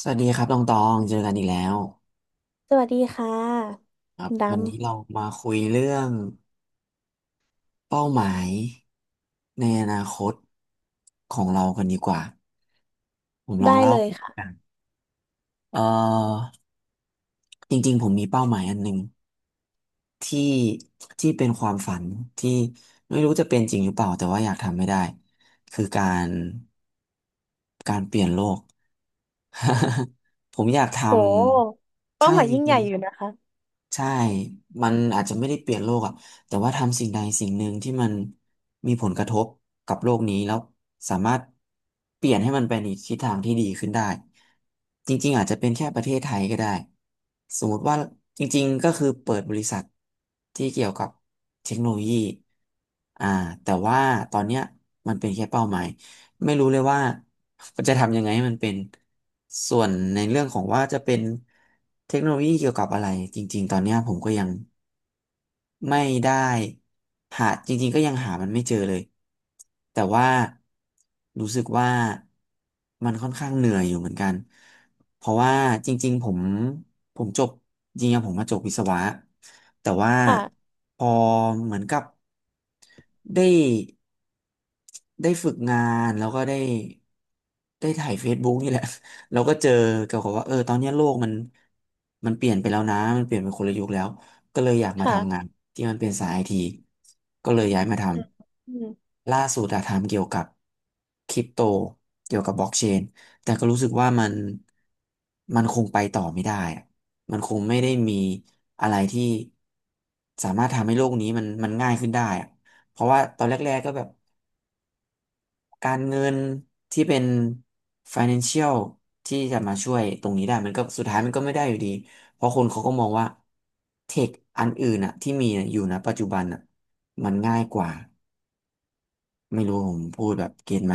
สวัสดีครับตองตองเจอกันอีกแล้วสวัสดีค่ะครัคุบณดวันนี้เรามาคุยเรื่องเป้าหมายในอนาคตของเรากันดีกว่าผมำลองได้เล่าเลยกัค่ะนเอ่อจริงๆผมมีเป้าหมายอันหนึ่งที่ที่เป็นความฝันที่ไม่รู้จะเป็นจริงหรือเปล่าแต่ว่าอยากทำไม่ได้คือการเปลี่ยนโลก ผมอยากทโหำเป้าใช่หมายจยิ่งใหริญ่ง อยู่นะคะใช่มันอาจจะไม่ได้เปลี่ยนโลกอ่ะแต่ว่าทำสิ่งใดสิ่งหนึ่งที่มันมีผลกระทบกับโลกนี้แล้วสามารถเปลี่ยนให้มันไปในทิศทางที่ดีขึ้นได้จริงๆอาจจะเป็นแค่ประเทศไทยก็ได้สมมติว่าจริงๆก็คือเปิดบริษัทที่เกี่ยวกับเทคโนโลยีอ่าแต่ว่าตอนเนี้ยมันเป็นแค่เป้าหมาย ไม่รู้เลยว่าจะทำยังไงให้มันเป็นส่วนในเรื่องของว่าจะเป็นเทคโนโลยีเกี่ยวกับอะไรจริงๆตอนเนี้ยผมก็ยัง ไม่ได้หาจริงๆก็ยังหามันไม่เจอเลยแต่ว่ารู้สึกว่ามันค่อนข้างเหนื่อยอยู่เหมือนกันเพราะว่าจริงๆผมผมจบจริงๆผมมาจบวิศวะแต่ว่าค่ะพอเหมือนกับได้ได้ฝึกงานแล้วก็ได้ถ่าย Facebook นี่แหละ เราก็เจอเกี่ยวกับว่าเออตอนเนี้ยโลกมันเปลี่ยนไปแล้วนะมันเปลี่ยนไปคนละยุคแล้ว ก็เลยอยากมาทำงานค่ะที่มันเป็นสายไอทีก็เลยย้ายมาทอืมอืมำล่าสุดอะทำเกี่ยวกับคริปโตเกี่ยวกับบล็อกเชนแต่ก็รู้สึกว่ามันคงไปต่อไม่ได้อะมันคงไม่ได้มีอะไรที่สามารถทำให้โลกนี้มันง่ายขึ้นได้อะเพราะว่าตอนแรกๆก็แบบ การเงินที่เป็น financial ที่จะมาช่วยตรงนี้ได้มันก็สุดท้ายมันก็ไม่ได้อยู่ดีเพราะคนเขาก็มองว่าเทคอันอื่นอะที่มีอะอยู่นะปัจจุบันอะมันง่ายกว่าไม่รู้ผมพูดแบบเก็ตไหม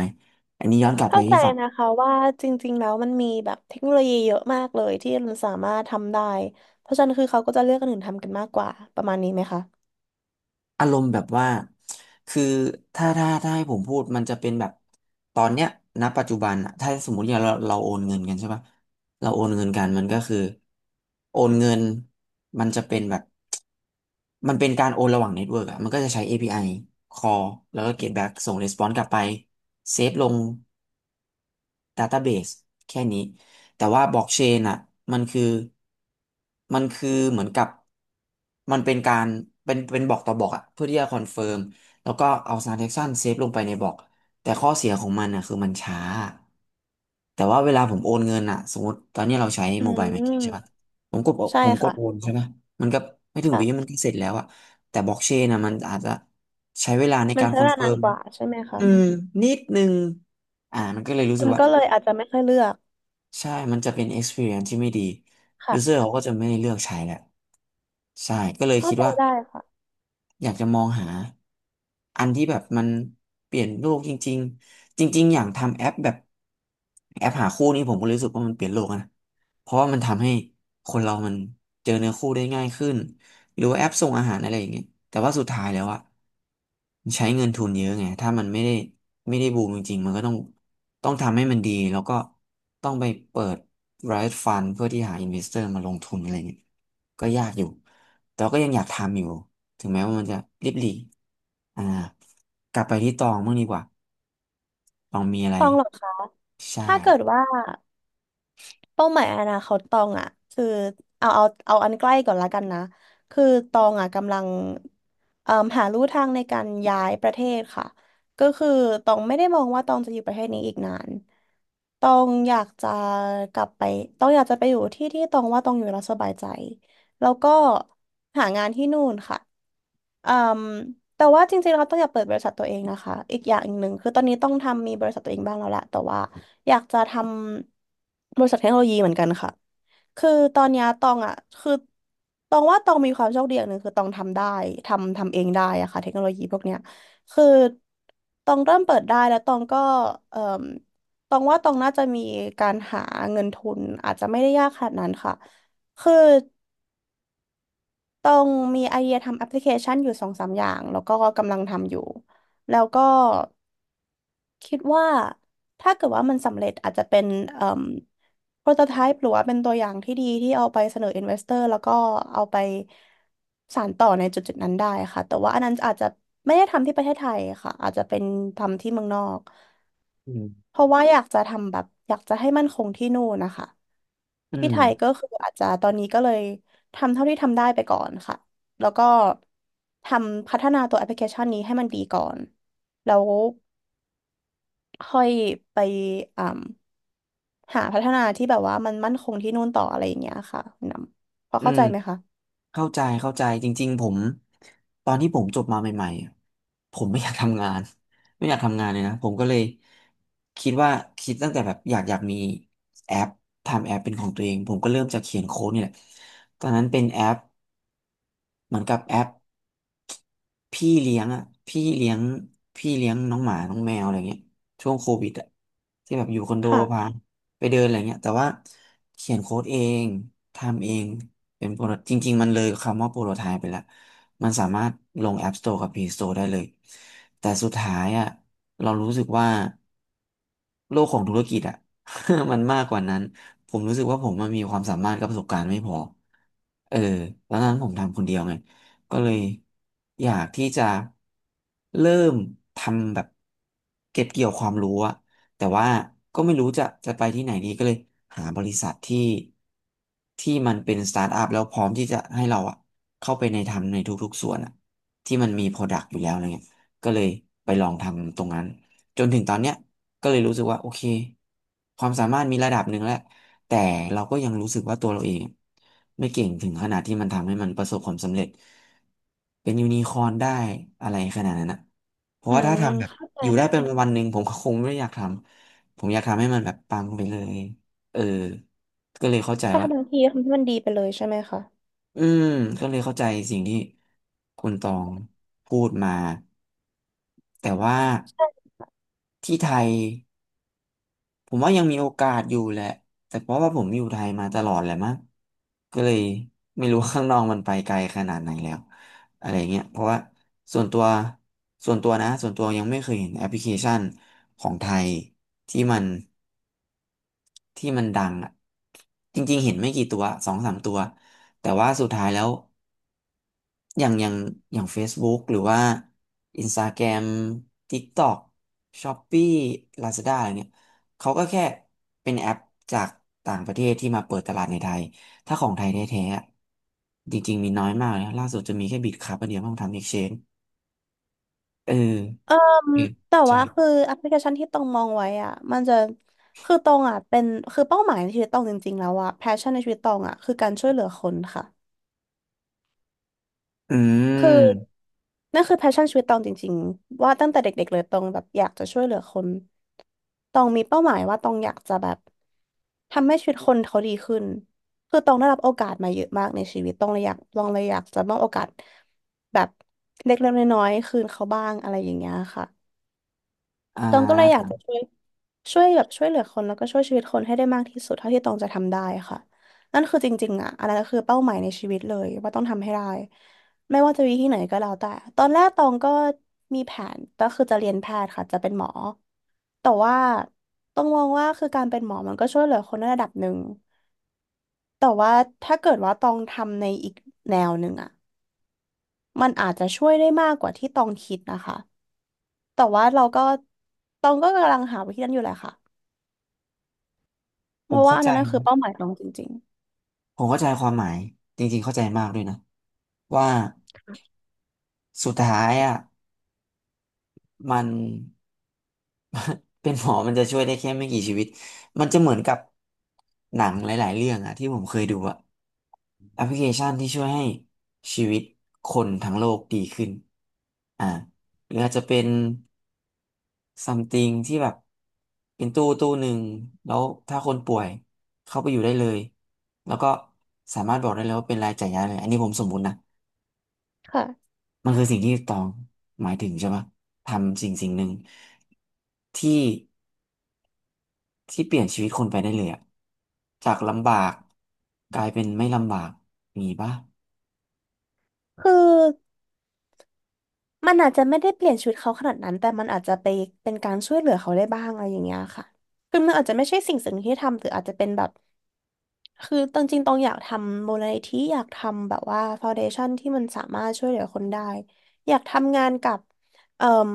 อันนี้ย้อนกลับไปเข้าใจที่ฝั่งนะคะว่าจริงๆแล้วมันมีแบบเทคโนโลยีเยอะมากเลยที่มันสามารถทำได้เพราะฉะนั้นคือเขาก็จะเลือกคนอื่นทำกันมากกว่าประมาณนี้ไหมคะอารมณ์แบบว่าคือถ้าให้ผมพูดมันจะเป็นแบบตอนเนี้ยณปัจจุบันอะถ้าสมมติอย่างเราโอนเงินกันใช่ปะเราโอนเงินกันมันก็คือโอนเงินมันจะเป็นแบบ มันเป็นการโอนระหว่างเน็ตเวิร์กอะมันก็จะใช้ API call แล้วก็ get back ส่ง response กลับไปเซฟลง database แค่นี้ แต่ว่าบล็อกเชนอะมันคือมันคือเหมือนกับมันเป็นการเป็นบอกต่อบอกอะเพื่อที่จะคอนเฟิร์มแล้วก็เอา transaction เซฟลงไปในบล็อกแต่ข้อเสียของมันอะคือมันช้า แต่ว่าเวลาผมโอนเงินอะสมมติตอนนี้เราใช้อืโมบายแบงกิ้งใช่ปะมผมกดใช่ผมกดค่ะโอนใช่ไหมมันก็ไม่ถึงวิค่ะมันก็เสร็จแล้วอะแต่บล็อกเชนอะมันอาจจะใช้เวลาในมันการใช้คอเวนลาเฟินาร์นมกว่าใช่ไหมคะอืมนิดนึงมันก็เลยรู้คสึกนว่าก็เลยอาจจะไม่ค่อยเลือกใช่มันจะเป็น experience ที่ไม่ดี user ค่ะเขาก็จะไม่เลือกใช้แหละใช่ก็เลยเข้าคิดใจว่า ได้ค่ะอยากจะมองหาอันที่แบบมันเปลี่ยนโลกจริงๆจริงๆอย่างทำแอปแบบแอปหาคู่นี่ผมก็รู้สึกว่ามันเปลี่ยนโลกนะเพราะว่ามันทำให้คนเรามันเจอเนื้อคู่ได้ง่ายขึ้นหรือว่าแอปส่งอาหารอะไรอย่างเงี้ยแต่ว่าสุดท้ายแล้วอะมันใช้เงินทุนเยอะไงถ้ามันไม่ได้บูมจริงๆมันก็ต้องทำให้มันดีแล้วก็ต้องไปเปิด Riot Fund เพื่อที่หา investor มาลงทุนอะไรเงี้ยก็ยากอยู่แต่ว่าก็ยังอยากทำอยู่ ถึงแม้ว่ามันจะริบหรี่อ่ากลับไปที่ตองบ้างดีกว่าตองมีอะไรต้องหรอคะใช่ถ้าเกิดว่า เป้าหมายอนาคตตองอ่ะคือเอาอันใกล้ก่อนละกันนะคือตองอ่ะกำลังเอ่มหาลู่ทางในการย้ายประเทศค่ะก็คือตองไม่ได้มองว่าตองจะอยู่ประเทศนี้อีกนานตองอยากจะกลับไปตองอยากจะไปอยู่ที่ที่ตองว่าตองอยู่แล้วสบายใจ แล้วก็หางานที่นู่นค่ะอืมแต่ว่าจริงๆเราต้องอยากเปิดบริษัทตัวเองนะคะ อีกอย่างหนึ่งคือตอนนี้ต้องทำมีบริษัทตัวเองบ้างแล้วแหละแต่ว่าอยากจะทำบริษัทเทคโนโลยีเหมือนกันค่ะคือตอนเนี้ยตองอ่ะคือตองว่าตองมีความโชคดีอย่างหนึ่งคือตองทำได้ทำเองได้อะค่ะเทคโนโลยีพวกเนี้ยคือตองเริ่มเปิดได้แล้วตองก็เอ่มตองว่าตองน่าจะมีการหาเงินทุนอาจจะไม่ได้ยากขนาดนั้นค่ะคือ ต้องมีไอเดียทำแอปพลิเคชันอยู่สองสามอย่างแล้วก็กำลังทำอยู่แล้วก็คิดว่าถ้าเกิดว่ามันสำเร็จอาจจะเป็นเอ่มโปรโตไทป์หรือว่าเป็นตัวอย่างที่ดีที่เอาไปเสนออินเวสเตอร์แล้วก็เอาไปสานต่อในจุดจุดนั้นได้ค่ะแต่ว่าอันนั้นอาจจะไม่ได้ทำที่ประเทศไทยค่ะอาจจะเป็นทำที่เมืองนอก อืมเพราะว่าอยากจะทำแบบอยากจะให้มั่นคงที่นู่นนะคะอืที่มไทยก็คืออาจจะตอนนี้ก็เลยทำเท่าที่ทำได้ไปก่อนค่ะแล้วก็ทำพัฒนาตัวแอปพลิเคชันนี้ให้มันดีก่อนแล้วค่อยไปอ่าหาพัฒนาที่แบบว่ามันมั่นคงที่นู่นต่ออะไรอย่างเงี้ยค่ะคุณนำพออืเข้ามใจไหมคะเข้าใจจริงๆผมตอนที่ผมจบมาใหม่ๆอะผมไม่อยากทำงาน ไม่อยากทำงานเลยนะผมก็เลยคิดว่าคิดตั้งแต่แบบอยากมีแอปทำแอปเป็นของตัวเองผมก็เริ่มจากเขียนโค้ดนี่แหละตอนนั้นเป็นแอป เหมือนกับแอปพี่เลี้ยงอ่ะพี่เลี้ยงพี่เลี้ยงน้องหมาน้องแมวอะไรเงี้ยช่วงโควิดอ่ะที่แบบอยู่คอนโดค่ะพาไปเดินอะไรเงี้ยแต่ว่าเขียนโค้ดเองทำเองเป็นโปรจริงๆมันเลยคำว่าโปรโตไทป์ไปแล้ว มันสามารถลง App Store กับ Play Store ได้เลยแต่สุดท้ายอ่ะเรารู้สึกว่าโลกของธุรกิจอ่ะ มันมากกว่านั้นผมรู้สึกว่าผมมันมีความสามารถกับประสบการณ์ไม่พอเออแล้วนั้นผมทำคนเดียวไงก็เลยอยากที่จะเริ่มทำแบบเก็บเกี่ยวความรู้อะ แต่ว่าก็ไม่รู้จะไปที่ไหนดีก็เลยหาบริษัทที่มันเป็นสตาร์ทอัพแล้วพร้อมที่จะให้เราอะเข้าไปในทำในทุกๆส่วนอะที่มันมีโปรดักต์อยู่แล้วอะไรเงี้ยก็เลยไปลองทำตรงนั้นจนถึงตอนเนี้ยก็เลยรู้สึกว่าโอเคความสามารถมีระดับหนึ่งแล้วแต่เราก็ยังรู้สึกว่าตัวเราเองไม่เก่งถึงขนาดที่มันทำให้มันประสบความสำเร็จเป็นยูนิคอร์นได้อะไรขนาดนั้นนะ เพราะอืว่าถ้ามทำแบบเข้าใจอยู่ได้เป็นค่ะวันหนึ่งผมก็คงไม่อยากทำผมอยากทำให้มันแบบปังไปเลยเออก็เลยเข้าใจถ้าว่าทำทันทีทำให้มันดีไปเลยใช่ไหมคะ อืมก็เลยเข้าใจสิ่งที่คุณตองพูดมาแต่ว่าที่ไทย ผมว่ายังมีโอกาสอยู่แหละแต่เพราะว่าผมอยู่ไทยมาตลอดแหละมั้งก็เลยไม่รู้ว่าข้างนอกมันไปไกลขนาดไหนแล้วอะไรเงี้ยเพราะว่าส่วนตัวส่วนตัวนะส่วนตัวยังไม่เคยเห็นแอปพลิเคชันของไทยที่มันที่มันดังอ่ะจริงๆเห็นไม่กี่ตัวสองสามตัวแต่ว่าสุดท้ายแล้ว อย่างอย่างอย่าง Facebook หรือว่า Instagram TikTok Shopee Lazada อะไรเนี่ยเขาก็แค่เป็นแอปจากต่างประเทศที่มาเปิดตลาดในไทยถ้าของไทยแท้ๆอะจริงๆมีน้อยมากนะล่าสุดจะมีแค่บิตครับอันเดียวต้องทำ Exchange เออเอออืมแต่ใช่ว่าคือแอปพลิเคชันที่ตองมองไว้อ่ะมันจะคือตองอ่ะเป็นคือเป้าหมายในชีวิตตองจริงๆแล้วอ่ะแพชชั่นในชีวิตตองอ่ะคือการช่วยเหลือคนค่ะอืคือมนั่นคือแพชชั่นชีวิตตองจริงๆว่าตั้งแต่เด็กๆเลยตองแบบอยากจะช่วยเหลือคนตองมีเป้าหมายว่าตองอยากจะแบบทำให้ชีวิตคนเขาดีขึ้นคือตองได้รับโอกาสมาเยอะมากในชีวิตตองเลยอยากตองเลยอยากจะมอบโอกาสแบบเล็กๆน้อยๆคืนเขาบ้างอะไรอย่างเงี้ยค่ะอ่าตองก็เลยอผยากมจะช่วย ช่วยแบบช่วยเหลือคนแล้วก็ช่วยชีวิตคนให้ได้มากที่สุดเท่าที่ตองจะทำได้ค่ะนั่นคือจริงๆอ่ะอันนั้นคือเป้าหมายในชีวิตเลยว่าต้องทำให้ได้ไม่ว่าจะวิธีไหนก็แล้วแต่ตอนแรกตองก็มีแผนก็คือจะเรียนแพทย์ค่ะจะเป็นหมอแต่ว่าต้องมองว่าคือการเป็นหมอมันก็ช่วยเหลือคนในระดับหนึ่งแต่ว่าถ้าเกิดว่าตองทำในอีกแนวหนึ่งอ่ะมันอาจจะช่วยได้มากกว่าที่ตองคิดนะคะแต่ว่าเราก็ตองก็กำลังหาวิธีนั้นอยู่แหละค่ะผเพมราะว่าเข้าอันใจนั้นน่ะคือเป้าหมายตองจริง ผมเข้าใจความหมายจริงๆเข้าใจมากด้วยนะว่าสุดท้ายอ่ะ มัน เป็นหมอมันจะช่วยได้แค่ไม่กี่ชีวิต มันจะเหมือนกับหนังหลายๆเรื่องอะที่ผมเคยดูอะแอปพลิเคชันที่ช่วยให้ชีวิตคนทั้งโลกดีขึ้นอ่าหรืออาจจะเป็น something ที่แบบเป็นตู้หนึ่งแล้วถ้าคนป่วยเข้าไปอยู่ได้เลยแล้วก็สามารถบอกได้เลยว่าเป็นรายจ่ายยาเลยอันนี้ผมสมมุตินะค่ะมันคือสิ่งที่ตองหมายถึงใช่ปะทำสิ่งหนึ่งที่ ที่เปลี่ยนชีวิตคนไปได้เลยอะจากลำบากกลายเป็นไม่ลำบากมีปะคือมันอาจจะไม่ได้เปลี่ยนชีวิตเขาขนาดนั้นแต่มันอาจจะไปเป็นการช่วยเหลือเขาได้บ้างอะไรอย่างเงี้ยค่ะคือมันอาจจะไม่ใช่สิ่งที่ทำหรืออาจจะเป็นแบบคือตอนจริงๆตองอยากทำมูลนิธิอยากทำแบบว่าฟาวเดชั่นที่มันสามารถช่วยเหลือคนได้อยากทำงานกับเอ่ม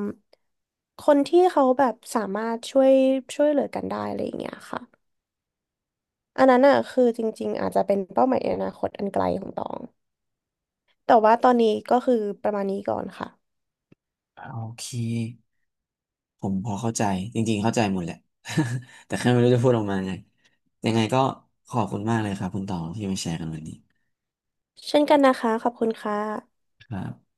คนที่เขาแบบสามารถช่วยช่วยเหลือกันได้อะไรอย่างเงี้ยค่ะอันนั้นอ่ะคือจริงๆอาจจะเป็นเป้าหมายอนาคตอันไกลของตองแต่ว่าตอนนี้ก็คือประมาณนี้ก่อนค่ะ อ่าโอเคผมพอเข้าใจจริงๆเข้าใจหมดแหละ แต่แค่ไม่รู้จะพูดออกมาไงยังไงก็ขอบคุณมากเลยครับคุณตองที่มาแชร์กันวันนี้เช่นกันนะคะ ขอบคุณค่ะครับ